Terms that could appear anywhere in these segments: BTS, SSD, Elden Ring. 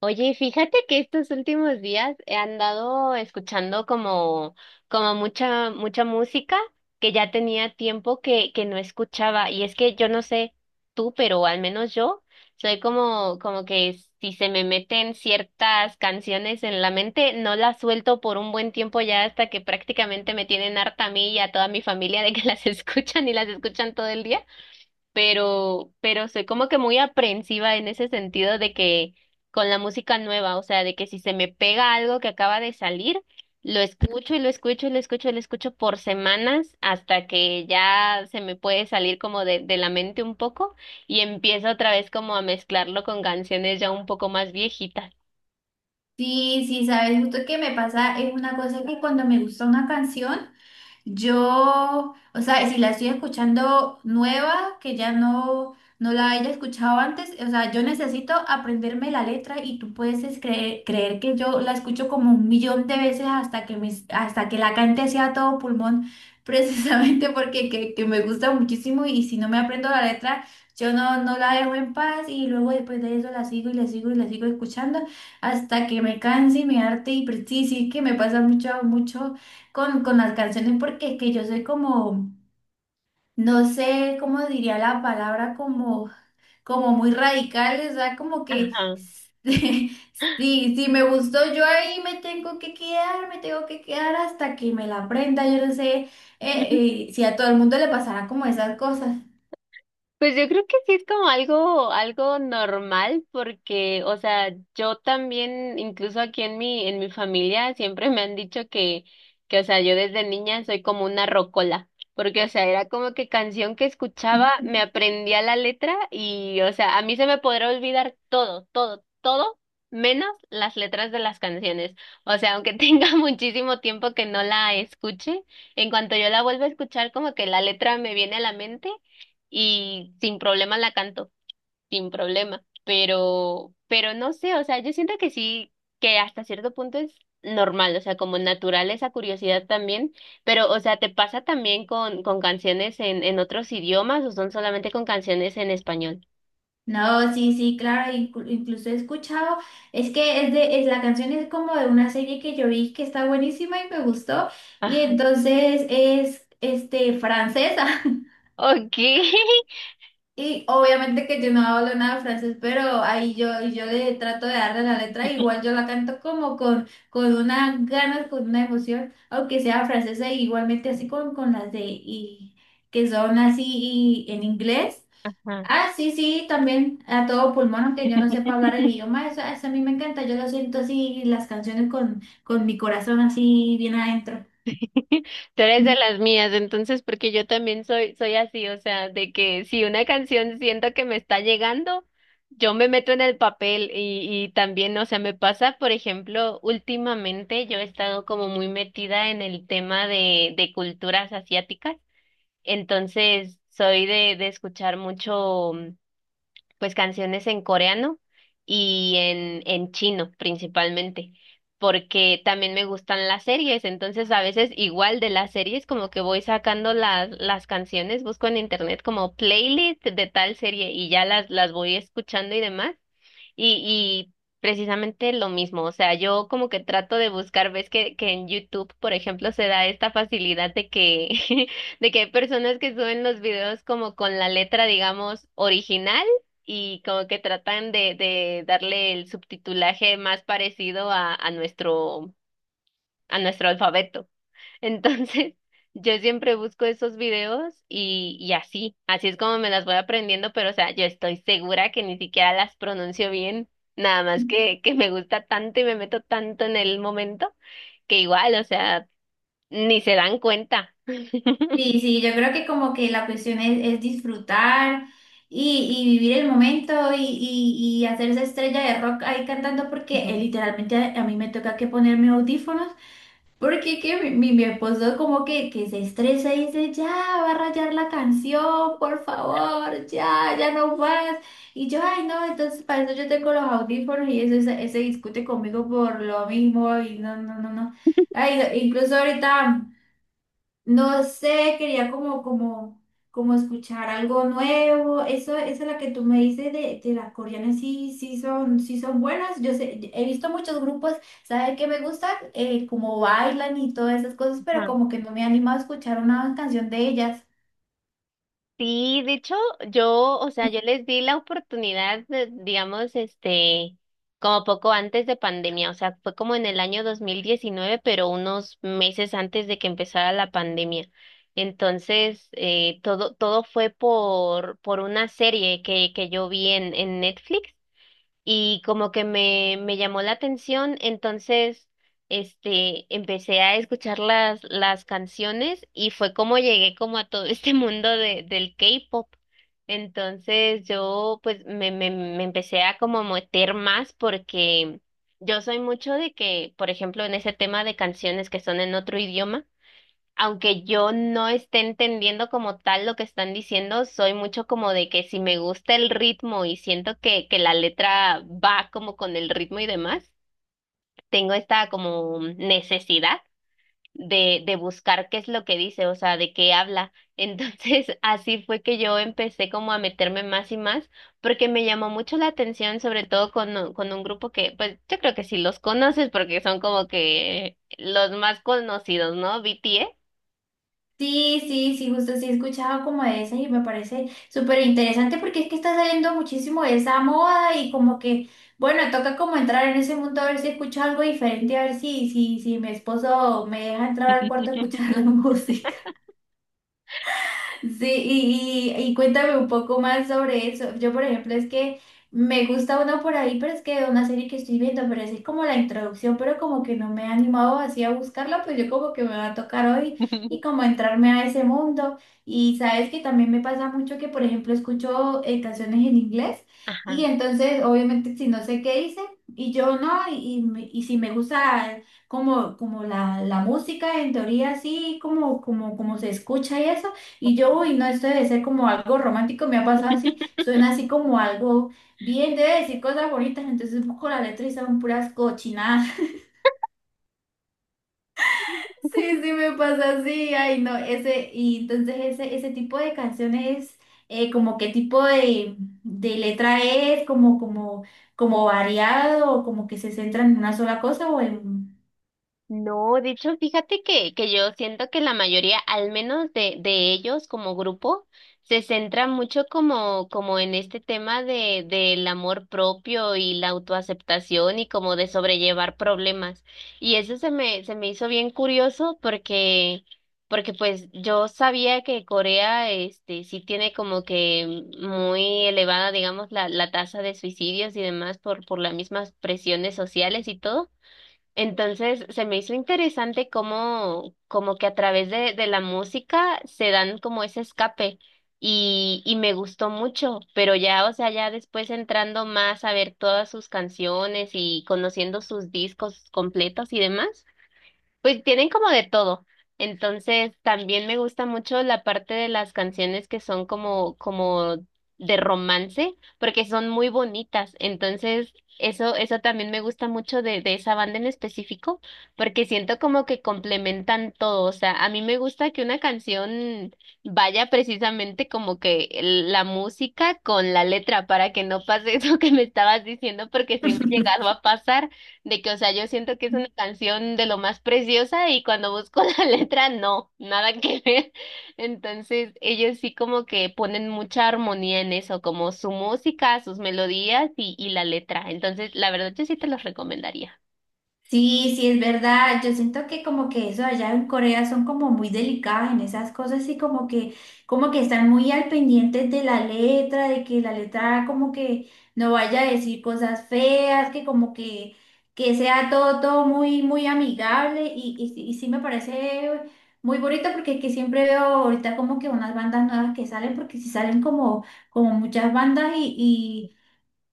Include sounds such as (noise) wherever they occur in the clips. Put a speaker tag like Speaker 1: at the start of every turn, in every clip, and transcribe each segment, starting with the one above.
Speaker 1: Oye, fíjate que estos últimos días he andado escuchando como mucha música que ya tenía tiempo que no escuchaba. Y es que yo no sé tú, pero al menos yo soy como que si se me meten ciertas canciones en la mente, no las suelto por un buen tiempo ya hasta que prácticamente me tienen harta a mí y a toda mi familia de que (laughs) las escuchan y las escuchan todo el día pero soy como que muy aprensiva en ese sentido de que con la música nueva, o sea, de que si se me pega algo que acaba de salir, lo escucho y lo escucho y lo escucho y lo escucho por semanas hasta que ya se me puede salir como de la mente un poco y empiezo otra vez como a mezclarlo con canciones ya un poco más viejitas.
Speaker 2: Sí, sí, sabes, justo que me pasa es una cosa que cuando me gusta una canción, yo, o sea, si la estoy escuchando nueva, que ya no la haya escuchado antes, o sea, yo necesito aprenderme la letra y tú puedes es creer que yo la escucho como un 1.000.000 de veces hasta que hasta que la cante sea todo pulmón, (laughs) precisamente porque que me gusta muchísimo, y si no me aprendo la letra, yo no la dejo en paz, y luego después de eso la sigo y la sigo y la sigo escuchando hasta que me canse y me harte. Y pues, sí, sí que me pasa mucho, mucho con las canciones, porque es que yo soy como, no sé cómo diría la palabra, como, como muy radical, o sea, como que
Speaker 1: Ajá.
Speaker 2: (laughs) si, si me gustó, yo ahí me tengo que quedar, me tengo que quedar hasta que me la aprenda. Yo no sé si a todo el mundo le pasará como esas cosas.
Speaker 1: Pues yo creo que sí es como algo normal porque, o sea, yo también, incluso aquí en en mi familia, siempre me han dicho que, o sea, yo desde niña soy como una rocola, porque, o sea, era como que canción que escuchaba,
Speaker 2: (laughs)
Speaker 1: me aprendía la letra y, o sea, a mí se me podrá olvidar todo, todo, todo, menos las letras de las canciones. O sea, aunque (laughs) tenga muchísimo tiempo que no la escuche, en cuanto yo la vuelva a escuchar, como que la letra me viene a la mente y sin problema la canto, sin problema, pero no sé, o sea, yo siento que sí, que hasta cierto punto es normal, o sea, como natural esa curiosidad también, pero, o sea, ¿te pasa también con canciones en otros idiomas o son solamente con canciones en español?
Speaker 2: No, sí, sí, claro, incluso he escuchado, es que es de, es la canción, es como de una serie que yo vi que está buenísima y me gustó, y
Speaker 1: Ajá.
Speaker 2: entonces es, este, francesa, (laughs)
Speaker 1: Ok. (laughs)
Speaker 2: y obviamente que yo no hablo nada de francés, pero ahí yo, yo le trato de darle la letra, igual yo la canto como con una ganas, con una emoción, aunque sea francesa, y igualmente así con las de, y, que son así y en inglés.
Speaker 1: Ajá.
Speaker 2: Ah, sí, sí, también a todo pulmón, aunque yo no sepa hablar el
Speaker 1: (laughs)
Speaker 2: idioma, eso a mí me encanta, yo lo siento así, las canciones con mi corazón así bien adentro.
Speaker 1: (laughs) Tú eres de
Speaker 2: (laughs)
Speaker 1: las mías, entonces, porque yo también soy así, o sea, de que si una canción siento que me está llegando, yo me meto en el papel y también, o sea, me pasa, por ejemplo, últimamente yo he estado como muy metida en el tema de culturas asiáticas, entonces soy de escuchar mucho pues canciones en coreano y en chino principalmente, porque también me gustan las series, entonces a veces igual de las series como que voy sacando las canciones, busco en internet como playlist de tal serie y ya las voy escuchando y demás. Y precisamente lo mismo, o sea, yo como que trato de buscar, ves que en YouTube, por ejemplo, se da esta facilidad de que, (laughs) de que hay personas que suben los videos como con la letra, digamos, original y como que tratan de darle el subtitulaje más parecido a nuestro alfabeto. Entonces, (laughs) yo siempre busco esos videos y así, así es como me las voy aprendiendo, pero o sea, yo estoy segura que ni siquiera las pronuncio bien, nada más que me gusta tanto y me meto tanto en el momento que igual, o sea, ni se dan cuenta.
Speaker 2: Sí, sí, yo creo que como que la cuestión es disfrutar y vivir el momento y hacerse estrella de rock ahí cantando, porque
Speaker 1: Ujú.
Speaker 2: literalmente a mí me toca que poner mis audífonos. Porque que mi, mi esposo como que se estresa y dice, ya, va a rayar la canción, por favor, ya, ya no más. Y yo, ay, no, entonces para eso yo tengo los audífonos, y eso se, se discute conmigo por lo mismo, y no, no, no, no. Ay, incluso ahorita... No sé, quería como, como, como escuchar algo nuevo. Eso, esa es la que tú me dices de las coreanas, sí, sí son buenas. Yo sé, he visto muchos grupos. ¿Sabes qué me gusta? Como bailan y todas esas cosas, pero como que no me animo a escuchar una canción de ellas.
Speaker 1: Sí, de hecho, yo, o sea, yo les di la oportunidad, de, digamos, este, como poco antes de pandemia, o sea, fue como en el año 2019, pero unos meses antes de que empezara la pandemia. Entonces, todo fue por una serie que yo vi en Netflix y como que me llamó la atención, entonces este empecé a escuchar las canciones y fue como llegué como a todo (laughs) este mundo de, del K-pop. Entonces yo pues me empecé a como meter más porque yo soy mucho de que, por ejemplo, en ese tema de canciones que son en otro idioma, aunque yo no esté entendiendo como tal lo que están diciendo, soy mucho como de que si me gusta el ritmo y siento que la letra va como con el ritmo y demás, tengo esta como necesidad de buscar qué es lo que dice, o sea, de qué habla. Entonces, (laughs) así fue que yo empecé como a meterme más y más, porque me llamó mucho la atención, sobre todo con un grupo que, pues, yo creo que sí los conoces, porque son como que los más conocidos, ¿no? BTS.
Speaker 2: Sí, sí, sí, justo sí he escuchado como de esas y me parece súper interesante, porque es que está saliendo muchísimo de esa moda y como que, bueno, toca como entrar en ese mundo a ver si escucho algo diferente, a ver si, si, si mi esposo me deja entrar al cuarto a escuchar (laughs) la música. Sí, y, y cuéntame un poco más sobre eso. Yo, por ejemplo, es que me gusta uno por ahí, pero es que una serie que estoy viendo, pero es como la introducción, pero como que no me he animado así a buscarla, pues yo como que me va a tocar hoy y
Speaker 1: (laughs)
Speaker 2: como entrarme a ese mundo. Y sabes que también me pasa mucho que, por ejemplo, escucho canciones en inglés, y
Speaker 1: Ajá.
Speaker 2: entonces, obviamente, si no sé qué dice, y yo no, y y si me gusta como, como la música, en teoría, así como, como, como se escucha y eso. Y yo, uy, no, esto debe ser como algo romántico, me ha pasado así,
Speaker 1: (laughs)
Speaker 2: suena así como algo bien, debe decir cosas bonitas, entonces busco la letra y son puras cochinadas. (laughs) Sí, sí, me pasa así, ay, no, ese, y entonces ese tipo de canciones, como qué tipo de letra es, como, como, como variado, o como que se centran en una sola cosa o en...
Speaker 1: No, de hecho, fíjate que yo siento que la mayoría, al menos de ellos como grupo, se centra mucho como, como en este tema de, del amor propio y la autoaceptación y como de sobrellevar problemas. Y eso se me hizo bien curioso porque, porque pues yo sabía que Corea, este, sí tiene como que muy elevada, digamos, la tasa de suicidios y demás por las mismas presiones sociales y todo. Entonces, se me hizo interesante cómo, como que a través de la música se dan como ese escape y me gustó mucho, pero ya, o sea, ya después entrando más a ver todas sus canciones y conociendo sus discos completos y demás. Pues tienen como de todo. Entonces, también me gusta mucho la parte de las canciones que son como, como de romance, porque son muy bonitas. Entonces, eso también me gusta mucho de esa banda en específico, porque siento como que complementan todo. O sea, a mí me gusta que una canción vaya precisamente como que la música con la letra, para que no pase (laughs) eso que me estabas diciendo, porque sí me ha llegado
Speaker 2: (laughs)
Speaker 1: a pasar de que, o sea, yo siento que es una canción de lo más preciosa y cuando busco (laughs) la letra, no, nada que ver. Entonces, ellos sí como que ponen mucha armonía en eso, como su música, sus melodías y la letra. Entonces, la verdad, yo sí te los recomendaría.
Speaker 2: Sí, sí, es verdad. Yo siento que como que eso allá en Corea son como muy delicadas en esas cosas, y como que están muy al pendiente de la letra, de que la letra como que no vaya a decir cosas feas, que como que sea todo, todo muy, muy amigable y sí me parece muy bonito, porque que siempre veo ahorita como que unas bandas nuevas que salen, porque si salen como, como muchas bandas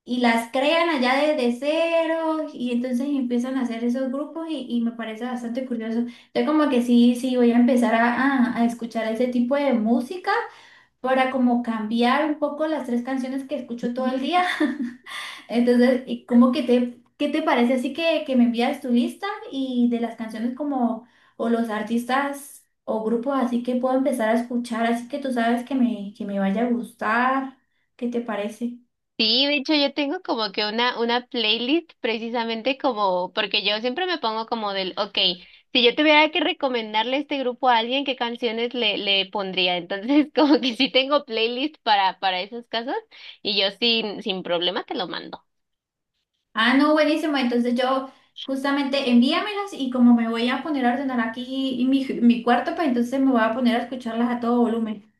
Speaker 2: y las crean allá desde cero y entonces empiezan a hacer esos grupos y me parece bastante curioso. Entonces como que sí, sí, voy a empezar a, a escuchar ese tipo de música para como cambiar un poco las 3 canciones que escucho todo el día. (laughs) Entonces, y como que te, ¿qué te parece? Así que me envías tu lista y de las canciones como o los artistas o grupos así que puedo empezar a escuchar, así que tú sabes que me vaya a gustar. ¿Qué te parece?
Speaker 1: Sí, de hecho yo tengo como que una playlist precisamente como, porque yo siempre me pongo como del, ok, si yo tuviera que recomendarle este grupo a alguien, ¿qué canciones le pondría? Entonces (laughs) como que sí tengo playlist para esos casos y yo sin, sin problema te lo mando.
Speaker 2: Ah, no, buenísimo. Entonces yo justamente envíamelas, y como me voy a poner a ordenar aquí mi, mi cuarto, pues entonces me voy a poner a escucharlas a todo volumen.